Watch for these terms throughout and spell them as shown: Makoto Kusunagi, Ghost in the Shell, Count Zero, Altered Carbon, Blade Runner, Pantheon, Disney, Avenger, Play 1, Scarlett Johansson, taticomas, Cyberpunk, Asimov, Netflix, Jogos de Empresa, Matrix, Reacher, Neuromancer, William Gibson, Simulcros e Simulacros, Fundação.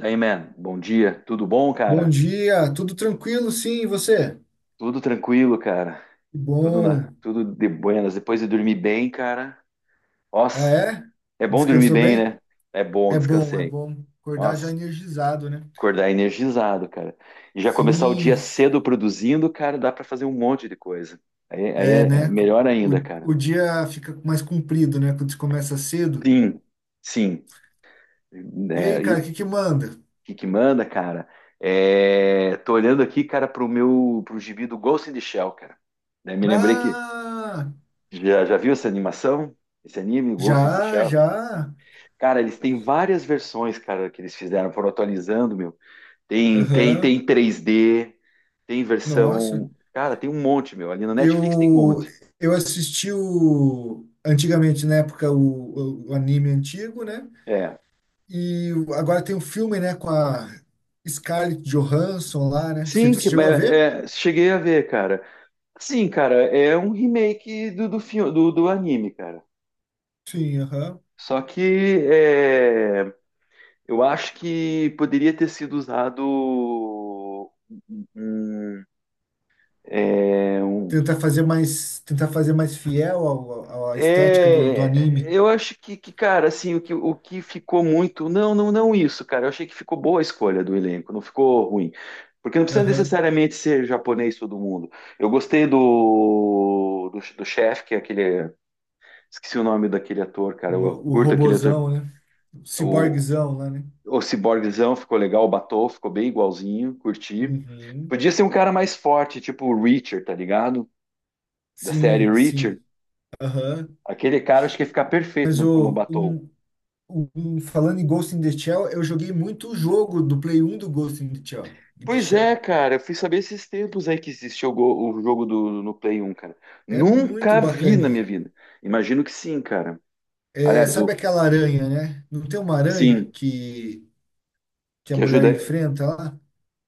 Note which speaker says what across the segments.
Speaker 1: Daí, man, bom dia. Tudo bom,
Speaker 2: Bom
Speaker 1: cara?
Speaker 2: dia, tudo tranquilo? Sim, e você?
Speaker 1: Tudo tranquilo, cara.
Speaker 2: Que
Speaker 1: Tudo na,
Speaker 2: bom.
Speaker 1: tudo de buenas. Depois de dormir bem, cara.
Speaker 2: Ah,
Speaker 1: Nossa,
Speaker 2: é?
Speaker 1: é bom dormir
Speaker 2: Descansou
Speaker 1: bem,
Speaker 2: bem?
Speaker 1: né? É bom,
Speaker 2: É bom, é
Speaker 1: descansei.
Speaker 2: bom. Acordar já
Speaker 1: Nossa,
Speaker 2: energizado, né?
Speaker 1: acordar energizado, cara. E já começar o
Speaker 2: Sim,
Speaker 1: dia cedo produzindo, cara, dá pra fazer um monte de coisa. Aí
Speaker 2: é,
Speaker 1: é
Speaker 2: né?
Speaker 1: melhor
Speaker 2: O,
Speaker 1: ainda, cara.
Speaker 2: o dia fica mais comprido, né? Quando você começa cedo.
Speaker 1: Sim, sim.
Speaker 2: E aí,
Speaker 1: É, e o
Speaker 2: cara, o que que manda?
Speaker 1: que manda, cara? É, tô olhando aqui, cara, pro meu, pro gibi do Ghost in the Shell, cara. Daí me lembrei que
Speaker 2: Ah,
Speaker 1: já viu essa animação? Esse anime, Ghost in the
Speaker 2: já,
Speaker 1: Shell?
Speaker 2: já.
Speaker 1: Cara, eles têm várias versões, cara, que eles fizeram, foram atualizando, meu. Tem, tem,
Speaker 2: Aham.
Speaker 1: tem 3D, tem
Speaker 2: Nossa.
Speaker 1: versão. Cara, tem um monte, meu. Ali na Netflix tem um
Speaker 2: Eu,
Speaker 1: monte.
Speaker 2: eu assisti antigamente, na época, o anime antigo, né?
Speaker 1: É.
Speaker 2: Agora tem um filme, né, com a Scarlett Johansson lá, né? Você
Speaker 1: Sim,
Speaker 2: você
Speaker 1: que,
Speaker 2: chegou a
Speaker 1: é,
Speaker 2: ver?
Speaker 1: é, cheguei a ver, cara. Sim, cara, é um remake do, do, filme, do, do anime, cara.
Speaker 2: Sim, aham.
Speaker 1: Só que é, eu acho que poderia ter sido usado um, um, é, um.
Speaker 2: Tentar fazer mais fiel à estética do
Speaker 1: É,
Speaker 2: anime.
Speaker 1: eu acho que, cara, assim, o que ficou muito. Não, não, não isso, cara. Eu achei que ficou boa a escolha do elenco, não ficou ruim. Porque não precisa
Speaker 2: Aham.
Speaker 1: necessariamente ser japonês todo mundo. Eu gostei do, do, do chefe, que é aquele. Esqueci o nome daquele ator, cara. Eu
Speaker 2: O
Speaker 1: curto aquele ator.
Speaker 2: robozão, né? O
Speaker 1: O,
Speaker 2: ciborguezão lá, né?
Speaker 1: o Ciborguezão ficou legal, o Batou ficou bem igualzinho, curti.
Speaker 2: Uhum.
Speaker 1: Podia ser um cara mais forte, tipo o Reacher, tá ligado? Da série
Speaker 2: Sim,
Speaker 1: Reacher.
Speaker 2: sim. Aham.
Speaker 1: Aquele cara acho que ia ficar perfeito
Speaker 2: Mas
Speaker 1: no, como
Speaker 2: o
Speaker 1: Batou.
Speaker 2: um, um- um- falando em Ghost in the Shell, eu joguei muito o jogo do Play 1 do Ghost in the Shell. In the
Speaker 1: Pois é,
Speaker 2: Shell.
Speaker 1: cara, eu fui saber esses tempos aí que existia o, go- o jogo do, no Play 1, cara.
Speaker 2: É muito
Speaker 1: Nunca vi na minha
Speaker 2: bacaninha.
Speaker 1: vida. Imagino que sim, cara.
Speaker 2: É,
Speaker 1: Aliás, o
Speaker 2: sabe aquela aranha, né? Não tem uma aranha
Speaker 1: sim,
Speaker 2: que a
Speaker 1: que
Speaker 2: mulher
Speaker 1: ajuda.
Speaker 2: enfrenta lá?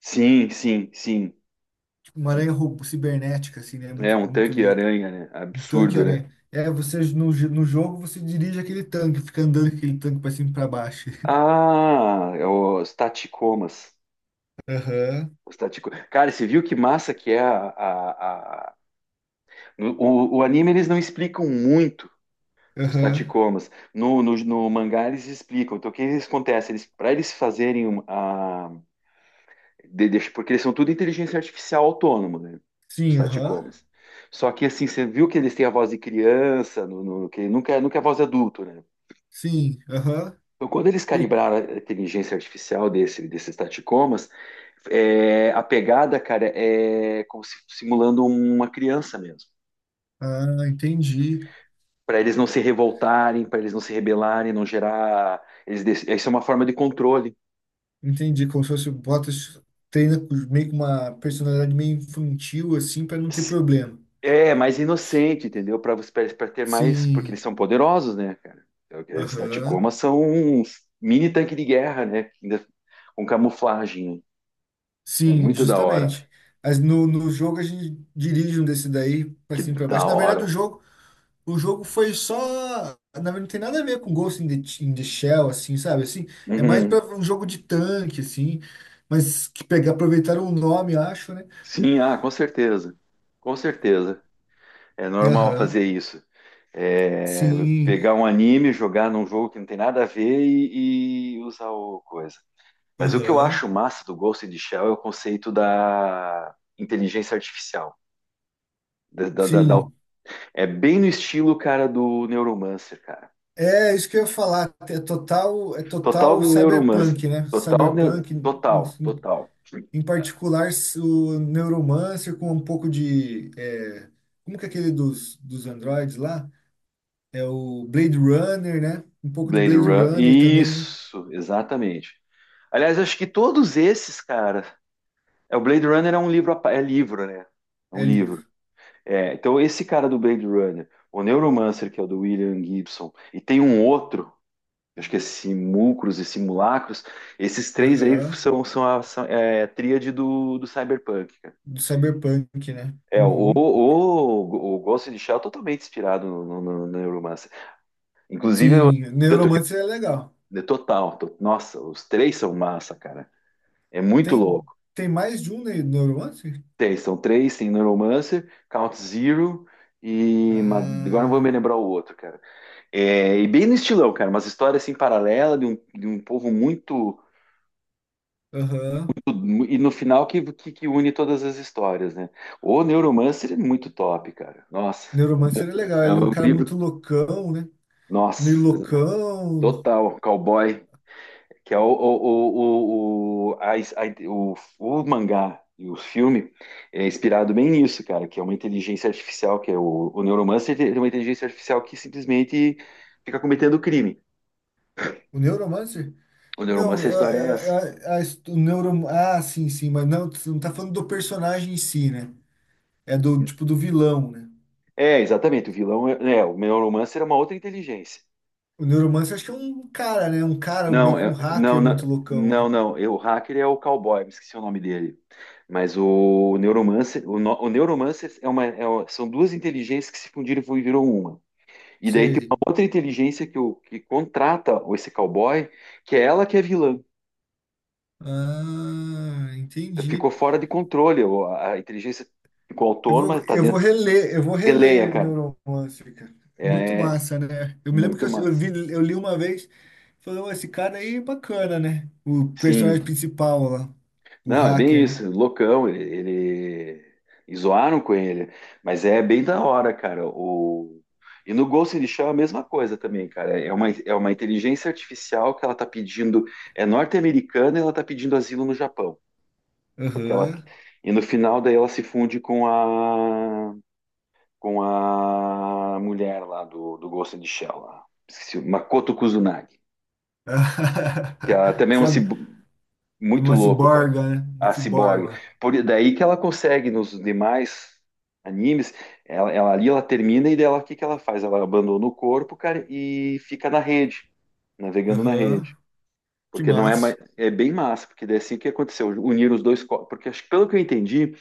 Speaker 1: Sim, sim, sim.
Speaker 2: Tipo, uma aranha cibernética, assim, né?
Speaker 1: É
Speaker 2: Muito,
Speaker 1: um
Speaker 2: muito louco.
Speaker 1: tanque-aranha, né?
Speaker 2: Um
Speaker 1: Absurdo, né?
Speaker 2: tanque-aranha. É, você no jogo você dirige aquele tanque, fica andando com aquele tanque pra cima e pra baixo.
Speaker 1: Ah, é os taticomas.
Speaker 2: Aham,
Speaker 1: Os tatico... Cara, você viu que massa que é a- no- O, o anime eles não explicam muito os
Speaker 2: aham.
Speaker 1: taticomas. No, no, no mangá eles explicam. Então o que eles acontece? Eles, para eles fazerem uma, de- deixa- porque eles são tudo inteligência artificial autônomo, né? Os
Speaker 2: Sim, aham.
Speaker 1: taticomas. Só que assim, você viu que eles têm a voz de criança, no, no- que nunca, é- nunca é a voz de adulto, né?
Speaker 2: Sim, aham.
Speaker 1: Então, quando eles
Speaker 2: Por-
Speaker 1: calibraram a inteligência artificial desse, desses taticomas, é, a pegada, cara, é como se simulando uma criança mesmo.
Speaker 2: Ah, entendi.
Speaker 1: Para eles não se revoltarem, para eles não se rebelarem, não gerar. Eles, dec- isso é uma forma de controle.
Speaker 2: Entendi. Como se fosse bota, treina meio com uma personalidade meio infantil, assim, pra não ter problema.
Speaker 1: É, mais inocente, entendeu? Para ter mais. Porque eles
Speaker 2: Sim,
Speaker 1: são poderosos, né, cara? É o Eles
Speaker 2: aham.
Speaker 1: Tacoma são uns mini tanque de guerra, né? Ainda com camuflagem. Né? É
Speaker 2: Sim,
Speaker 1: muito da hora.
Speaker 2: justamente. Mas no jogo a gente dirige um desse daí pra
Speaker 1: Que
Speaker 2: cima e pra
Speaker 1: da
Speaker 2: baixo. Na verdade, o
Speaker 1: hora.
Speaker 2: jogo, o jogo foi só. Na verdade, não tem nada a ver com Ghost in the Shell, assim, sabe? Assim, é mais
Speaker 1: Uhum.
Speaker 2: pra um jogo de tanque, assim. Aproveitaram o nome, acho, né?
Speaker 1: Sim, ah, com certeza. Com certeza. É normal
Speaker 2: Aham.
Speaker 1: fazer isso. É,
Speaker 2: Sim.
Speaker 1: pegar um anime, jogar num jogo que não tem nada a ver e usar o coisa. Mas o que eu
Speaker 2: Aham.
Speaker 1: acho massa do Ghost in the Shell é o conceito da inteligência artificial da, da, da.
Speaker 2: Sim.
Speaker 1: É bem no estilo, cara, do Neuromancer, cara.
Speaker 2: É isso que eu ia falar. É
Speaker 1: Total
Speaker 2: total
Speaker 1: Neuromancer.
Speaker 2: cyberpunk, né?
Speaker 1: Total, neu-
Speaker 2: Cyberpunk.
Speaker 1: total, total.
Speaker 2: Em particular, o Neuromancer com um pouco de. Como que é aquele dos androids lá? É o Blade Runner, né? Um pouco de
Speaker 1: Blade
Speaker 2: Blade
Speaker 1: Runner.
Speaker 2: Runner também, né?
Speaker 1: Isso, exatamente. Aliás, acho que todos esses, cara. É, o Blade Runner é um livro, a pa- é livro, né? É um
Speaker 2: É
Speaker 1: livro.
Speaker 2: livro.
Speaker 1: É, então, esse cara do Blade Runner, o Neuromancer, que é o do William Gibson, e tem um outro, acho que é Simulcros e Simulacros, esses três aí
Speaker 2: Aham.
Speaker 1: são, são a são- é, a tríade do, do Cyberpunk.
Speaker 2: Do Cyberpunk, né?
Speaker 1: É,
Speaker 2: Uhum.
Speaker 1: o Ghost in the Shell é totalmente inspirado no, no, no Neuromancer. Inclusive, eu-
Speaker 2: Sim,
Speaker 1: tanto que
Speaker 2: Neuromancer é legal.
Speaker 1: é total. To- nossa, os três são massa, cara. É muito
Speaker 2: Tem,
Speaker 1: louco.
Speaker 2: tem mais de um Neuromancer?
Speaker 1: Tem, são três, tem Neuromancer, Count Zero e. ma- Agora não vou me
Speaker 2: Ah,
Speaker 1: lembrar o outro, cara. É, e bem no estilão, cara, umas histórias assim paralela de um povo muito.
Speaker 2: aham.
Speaker 1: Mu- E no final que une todas as histórias, né? O Neuromancer é muito top, cara. Nossa,
Speaker 2: Neuromancer é legal.
Speaker 1: é
Speaker 2: Ele é um
Speaker 1: um
Speaker 2: cara
Speaker 1: livro.
Speaker 2: muito loucão, né? Meio
Speaker 1: Nossa,
Speaker 2: loucão.
Speaker 1: total, cowboy. Que é o, a- o mangá e o filme é inspirado bem nisso, cara, que é uma inteligência artificial, que é o Neuromancer é uma inteligência artificial que simplesmente fica cometendo crime.
Speaker 2: O Neuromancer?
Speaker 1: O
Speaker 2: Não,
Speaker 1: Neuromancer, a história é essa.
Speaker 2: eu- a, his- o neuro... Ah, sim, sim, mas não, você não tá falando do personagem em si, né? É do, tipo, do vilão, né?
Speaker 1: É, exatamente, o vilão é, é, o Neuromancer é uma outra inteligência.
Speaker 2: O Neuromancer acho que é um cara, né? Um cara, meio
Speaker 1: Não,
Speaker 2: que um
Speaker 1: é- não,
Speaker 2: hacker
Speaker 1: não,
Speaker 2: muito loucão, né?
Speaker 1: não, não, é, o hacker é o cowboy, me esqueci o nome dele. Mas o Neuromancer, o, no- o Neuromancer é uma- são duas inteligências que se fundiram e viram uma. E daí tem
Speaker 2: Sei.
Speaker 1: uma outra inteligência que, o, que contrata esse cowboy, que é ela que é vilã.
Speaker 2: Ah, entendi.
Speaker 1: Ficou fora de controle. O- A a inteligência ficou
Speaker 2: Eu
Speaker 1: autônoma,
Speaker 2: vou,
Speaker 1: tá
Speaker 2: eu vou
Speaker 1: dentro.
Speaker 2: reler, eu vou reler
Speaker 1: Releia,
Speaker 2: o
Speaker 1: cara.
Speaker 2: Neuromancer, cara. Muito
Speaker 1: É,
Speaker 2: massa, né? Eu me lembro que
Speaker 1: muito massa.
Speaker 2: eu li uma vez, falei: "Ô, esse cara aí é bacana, né? O personagem
Speaker 1: Sim.
Speaker 2: principal lá, o
Speaker 1: Não, é bem
Speaker 2: hacker, né?"
Speaker 1: isso. Loucão, ele... e Zoaram com ele. Mas é bem da hora, cara. O... E no Ghost in the Shell é a mesma coisa também, cara. É uma inteligência artificial que ela tá pedindo. É norte-americana e ela tá pedindo asilo no Japão. Porque ela
Speaker 2: Aham.
Speaker 1: e no final daí ela se funde com a mulher lá do do Ghost in the Shell lá. Esqueci, Makoto Kusunagi, que ela também é uma
Speaker 2: Sabe,
Speaker 1: cib-
Speaker 2: é
Speaker 1: muito
Speaker 2: uma
Speaker 1: louco, cara.
Speaker 2: ciborga, né? Uma
Speaker 1: A ciborgue.
Speaker 2: ciborga.
Speaker 1: Por daí que ela consegue nos demais animes, ela ali ela termina e dela o que que ela faz? Ela abandona o corpo, cara, e fica na rede, navegando na rede.
Speaker 2: Aham. Que
Speaker 1: Porque não é mais,
Speaker 2: massa.
Speaker 1: é bem massa, porque daí é assim o que aconteceu? Unir os dois corpos, porque acho que pelo que eu entendi,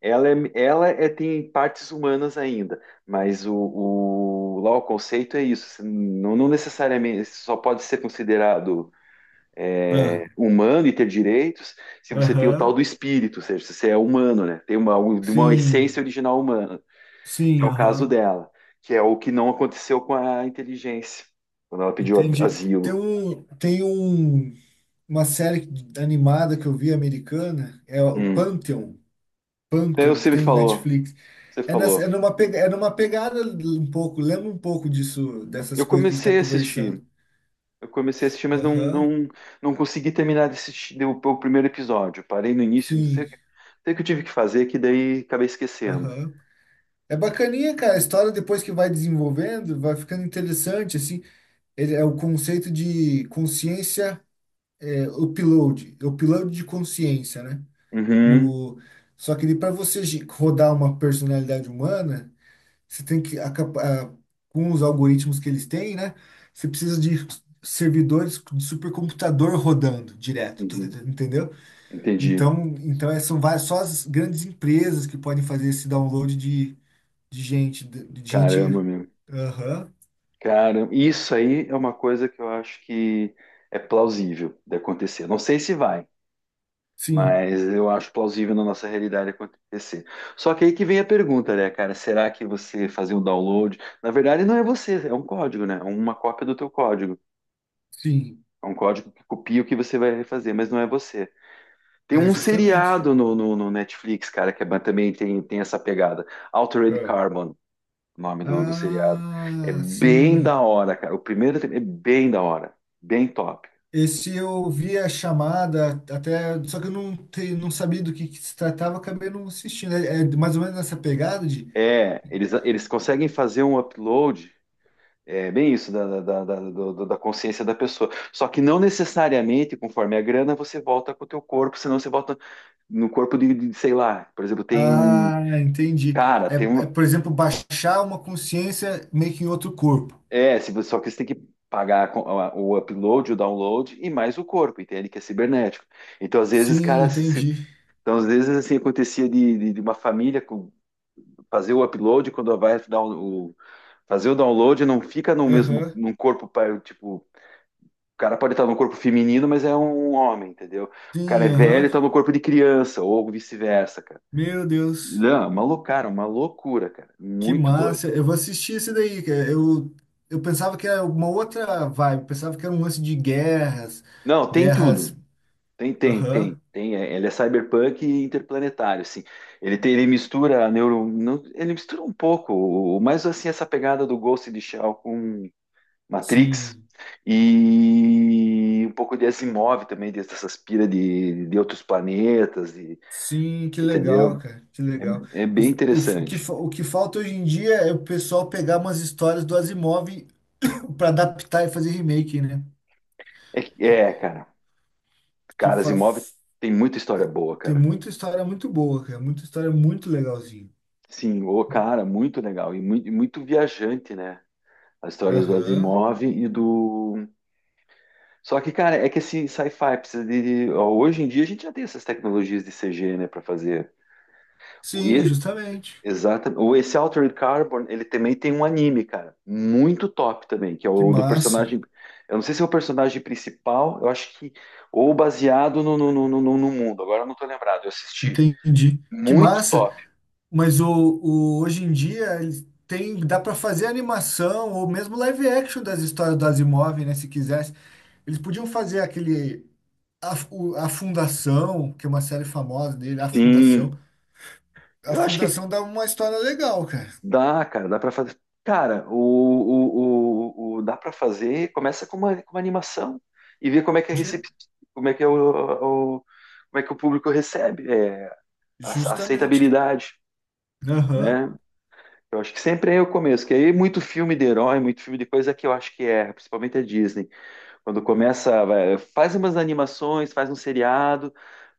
Speaker 1: ela, é, ela é- tem partes humanas ainda, mas o- lá o conceito é isso. Você não, não necessariamente você só pode ser considerado é,
Speaker 2: Ah.
Speaker 1: humano e ter direitos se você tem o tal
Speaker 2: Aham.
Speaker 1: do espírito, ou seja, se você é humano, né? Tem uma
Speaker 2: Sim.
Speaker 1: essência original humana, que é
Speaker 2: Sim,
Speaker 1: o caso
Speaker 2: aham.
Speaker 1: dela, que é o que não aconteceu com a inteligência, quando ela pediu a-
Speaker 2: Entendi. Tem
Speaker 1: asilo.
Speaker 2: um, tem um, uma série animada que eu vi americana, é o
Speaker 1: Hum.
Speaker 2: Pantheon.
Speaker 1: É,
Speaker 2: Pantheon,
Speaker 1: você
Speaker 2: que
Speaker 1: me
Speaker 2: tem no
Speaker 1: falou,
Speaker 2: Netflix.
Speaker 1: você
Speaker 2: É, nessa, é,
Speaker 1: falou.
Speaker 2: numa, pega- é numa pegada um pouco, lembra um pouco disso, dessas
Speaker 1: Eu
Speaker 2: coisas que a gente tá
Speaker 1: comecei a assistir.
Speaker 2: conversando.
Speaker 1: Eu comecei a assistir, mas não,
Speaker 2: Aham.
Speaker 1: não, não consegui terminar de assistir o primeiro episódio. Parei no início, não sei,
Speaker 2: Sim.
Speaker 1: o que não sei o que eu tive que fazer, que daí acabei esquecendo.
Speaker 2: Aham. É bacaninha, cara. A história depois que vai desenvolvendo, vai ficando interessante, assim. Ele é o conceito de consciência, upload, de consciência, né?
Speaker 1: Uhum,
Speaker 2: No, só que ele para você rodar uma personalidade humana, você tem que com os algoritmos que eles têm, né? Você precisa de servidores de supercomputador rodando direto,
Speaker 1: uhum,
Speaker 2: entendeu?
Speaker 1: entendi.
Speaker 2: Então, são várias, só as grandes empresas que podem fazer esse download de, de gente, de, de
Speaker 1: Caramba,
Speaker 2: gente,
Speaker 1: meu.
Speaker 2: aham,
Speaker 1: Cara, isso aí é uma coisa que eu acho que é plausível de acontecer. Não sei se vai,
Speaker 2: sim,
Speaker 1: mas eu acho plausível na nossa realidade acontecer. Só que aí que vem a pergunta, né, cara? Será que você fazer um download? Na verdade, não é você, é um código, né? É uma cópia do teu código.
Speaker 2: sim,
Speaker 1: É um código que copia o que você vai fazer, mas não é você. Tem
Speaker 2: é
Speaker 1: um
Speaker 2: justamente.
Speaker 1: seriado no, no- no Netflix, cara, que é ba- também tem, tem essa pegada. Altered Carbon, o nome do, do seriado. É
Speaker 2: Ah,
Speaker 1: bem
Speaker 2: sim.
Speaker 1: da hora, cara. O primeiro tem- é bem da hora. Bem top.
Speaker 2: Esse eu vi a chamada até, só que eu não sabia do que se tratava, acabei não assistindo. É mais ou menos nessa pegada de.
Speaker 1: É, eles conseguem fazer um upload, é bem isso, da, da, da, da- do- da consciência da pessoa. Só que não necessariamente, conforme a grana, você volta com o teu corpo, senão você volta no corpo de, sei lá, por exemplo, tem um.
Speaker 2: Ah, entendi.
Speaker 1: Cara,
Speaker 2: É,
Speaker 1: tem
Speaker 2: é,
Speaker 1: uma.
Speaker 2: por exemplo, baixar uma consciência meio que em outro corpo.
Speaker 1: É, se você- só que você tem que pagar a- o upload, o download e mais o corpo, entende? Que é cibernético. Então, às vezes,
Speaker 2: Sim,
Speaker 1: cara, se- se-
Speaker 2: entendi.
Speaker 1: então, às vezes, assim, acontecia de uma família com- fazer o upload, quando vai dar o- fazer o download, não fica no mesmo,
Speaker 2: Aham.
Speaker 1: num corpo, pa- tipo, o cara pode estar no corpo feminino, mas é um homem, entendeu? O cara é
Speaker 2: Sim,
Speaker 1: velho
Speaker 2: aham.
Speaker 1: e tá no corpo de criança, ou vice-versa, cara.
Speaker 2: Meu Deus,
Speaker 1: Não, é uma loucura, cara.
Speaker 2: que
Speaker 1: Muito doido.
Speaker 2: massa. Eu vou assistir esse daí, cara. Eu pensava que era uma outra vibe, pensava que era um lance de guerras,
Speaker 1: Não, tem
Speaker 2: guerras.
Speaker 1: tudo. Tem, tem, tem,
Speaker 2: Aham.
Speaker 1: tem. É, Ele é cyberpunk e interplanetário, assim. Ele tem, ele mistura a neuro, não- ele mistura um pouco, o- mais assim essa pegada do Ghost in the Shell com Matrix
Speaker 2: Sim,
Speaker 1: e um pouco de Asimov também, dessas pira de outros planetas, e-
Speaker 2: sim, que legal,
Speaker 1: entendeu?
Speaker 2: cara, que legal.
Speaker 1: É, é bem interessante.
Speaker 2: O que falta hoje em dia é o pessoal pegar umas histórias do Asimov para adaptar e fazer remake, né?
Speaker 1: É, que-
Speaker 2: Que,
Speaker 1: é, cara,
Speaker 2: que
Speaker 1: cara,
Speaker 2: fa-
Speaker 1: Asimov tem muita história boa,
Speaker 2: Tem
Speaker 1: cara.
Speaker 2: muita história muito boa, cara, muita história muito legalzinha.
Speaker 1: Sim, o cara, muito legal e muito, muito viajante, né? As histórias do
Speaker 2: Aham.
Speaker 1: Asimov e do. Só que, cara, é que esse sci-fi precisa de. Ó, Hoje em dia a gente já tem essas tecnologias de CG, né, pra fazer. O
Speaker 2: Sim,
Speaker 1: E,
Speaker 2: justamente.
Speaker 1: exatamente. Ou esse Altered Carbon, ele também tem um anime, cara, muito top também, que é
Speaker 2: Que
Speaker 1: o do
Speaker 2: massa.
Speaker 1: personagem. Eu não sei se é o personagem principal, eu acho que. Ou baseado no, no, no, no, no mundo, agora eu não tô lembrado, eu assisti.
Speaker 2: Entendi. Que
Speaker 1: Muito
Speaker 2: massa.
Speaker 1: top.
Speaker 2: Mas hoje em dia eles tem, dá para fazer animação ou mesmo live action das histórias do Asimov, né? Se quiser eles podiam fazer aquele. A Fundação, que é uma série famosa dele, A
Speaker 1: Sim.
Speaker 2: Fundação. A
Speaker 1: Eu acho que
Speaker 2: Fundação dá uma história legal, cara.
Speaker 1: dá, cara, dá pra fazer. Cara, o- dá pra fazer. Começa com uma animação e vê como é que é recep...
Speaker 2: De,
Speaker 1: como é que é o- como é que o público recebe é, a
Speaker 2: Justamente.
Speaker 1: aceitabilidade,
Speaker 2: Aham.
Speaker 1: né? Eu acho que sempre é o começo, que aí muito filme de herói, muito filme de coisa que eu acho que é, principalmente a Disney, quando começa, vai- faz umas animações, faz um seriado,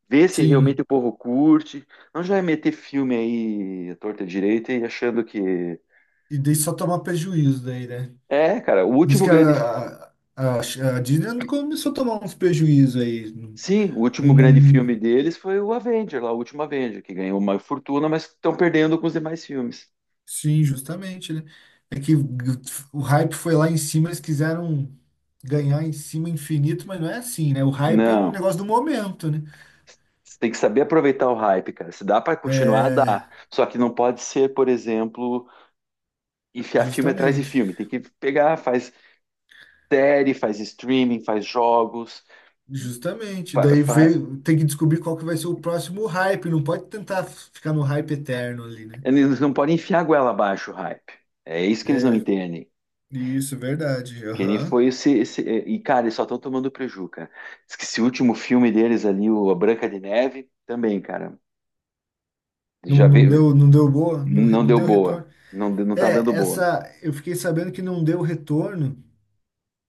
Speaker 1: vê se realmente
Speaker 2: Sim.
Speaker 1: o povo curte, não já é meter filme aí à torta e à direita e achando que
Speaker 2: E daí só tomar prejuízo daí, né?
Speaker 1: é, cara, o
Speaker 2: Diz
Speaker 1: último
Speaker 2: que
Speaker 1: grande.
Speaker 2: a Disney começou a tomar uns prejuízos aí.
Speaker 1: Sim, o último
Speaker 2: Um,
Speaker 1: grande filme
Speaker 2: um-
Speaker 1: deles foi o Avenger, lá, o último Avenger, que ganhou uma fortuna, mas estão perdendo com os demais filmes.
Speaker 2: sim, justamente, né? É que o hype foi lá em cima, eles quiseram ganhar em cima infinito, mas não é assim, né? O hype é um
Speaker 1: Não.
Speaker 2: negócio do momento, né?
Speaker 1: Você tem que saber aproveitar o hype, cara. Se dá para continuar,
Speaker 2: É,
Speaker 1: dá. Só que não pode ser, por exemplo, enfiar filme atrás de
Speaker 2: justamente,
Speaker 1: filme. Tem que pegar, faz série, faz streaming, faz jogos.
Speaker 2: justamente.
Speaker 1: Fa-
Speaker 2: Daí
Speaker 1: fa-
Speaker 2: veio, tem que descobrir qual que vai ser o próximo hype. Não pode tentar ficar no hype eterno ali, né?
Speaker 1: Eles não podem enfiar a goela abaixo o hype. É isso que eles não
Speaker 2: É,
Speaker 1: entendem.
Speaker 2: isso, verdade.
Speaker 1: Kenny
Speaker 2: Aham.
Speaker 1: foi esse, esse- é, E, cara, eles só estão tomando preju, cara. Diz que esse último filme deles ali, o A Branca de Neve, também, cara.
Speaker 2: Não,
Speaker 1: Já
Speaker 2: não
Speaker 1: veio.
Speaker 2: deu, não deu boa,
Speaker 1: Não
Speaker 2: não
Speaker 1: deu
Speaker 2: deu
Speaker 1: boa.
Speaker 2: retorno.
Speaker 1: Não, de- não tá dando
Speaker 2: É,
Speaker 1: boa.
Speaker 2: eu fiquei sabendo que não deu retorno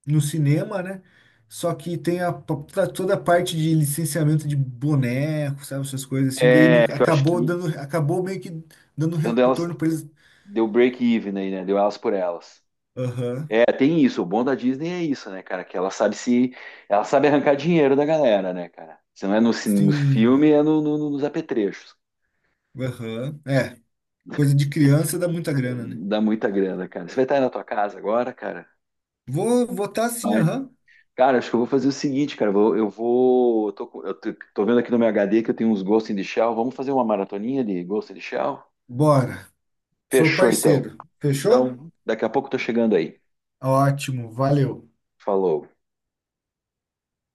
Speaker 2: no cinema, né? Só que tem tá toda a parte de licenciamento de boneco, sabe, essas coisas assim. Daí
Speaker 1: É que eu acho
Speaker 2: acabou
Speaker 1: que
Speaker 2: dando, acabou meio que dando
Speaker 1: dando elas.
Speaker 2: retorno para eles.
Speaker 1: Deu break even aí, né? Deu elas por elas.
Speaker 2: Aham.
Speaker 1: É, tem isso. O bom da Disney é isso, né, cara? Que ela sabe se. Ela sabe arrancar dinheiro da galera, né, cara? Se não é no, cin- no
Speaker 2: Sim.
Speaker 1: filme, é no, no- nos apetrechos.
Speaker 2: Aham. É, coisa de criança dá muita
Speaker 1: É,
Speaker 2: grana, né?
Speaker 1: dá muita grana, cara. Você vai estar aí na tua casa agora, cara?
Speaker 2: Vou votar sim,
Speaker 1: Vai.
Speaker 2: aham.
Speaker 1: Cara, acho que eu vou fazer o seguinte, cara. Eu vou. Eu vou- eu tô, com- eu tô- tô vendo aqui no meu HD que eu tenho uns Ghost in the Shell. Vamos fazer uma maratoninha de Ghost in the Shell?
Speaker 2: Bora. Sou
Speaker 1: Fechou, então.
Speaker 2: parceiro. Fechou?
Speaker 1: Então, daqui a pouco eu tô chegando aí.
Speaker 2: Ótimo, valeu.
Speaker 1: Falou.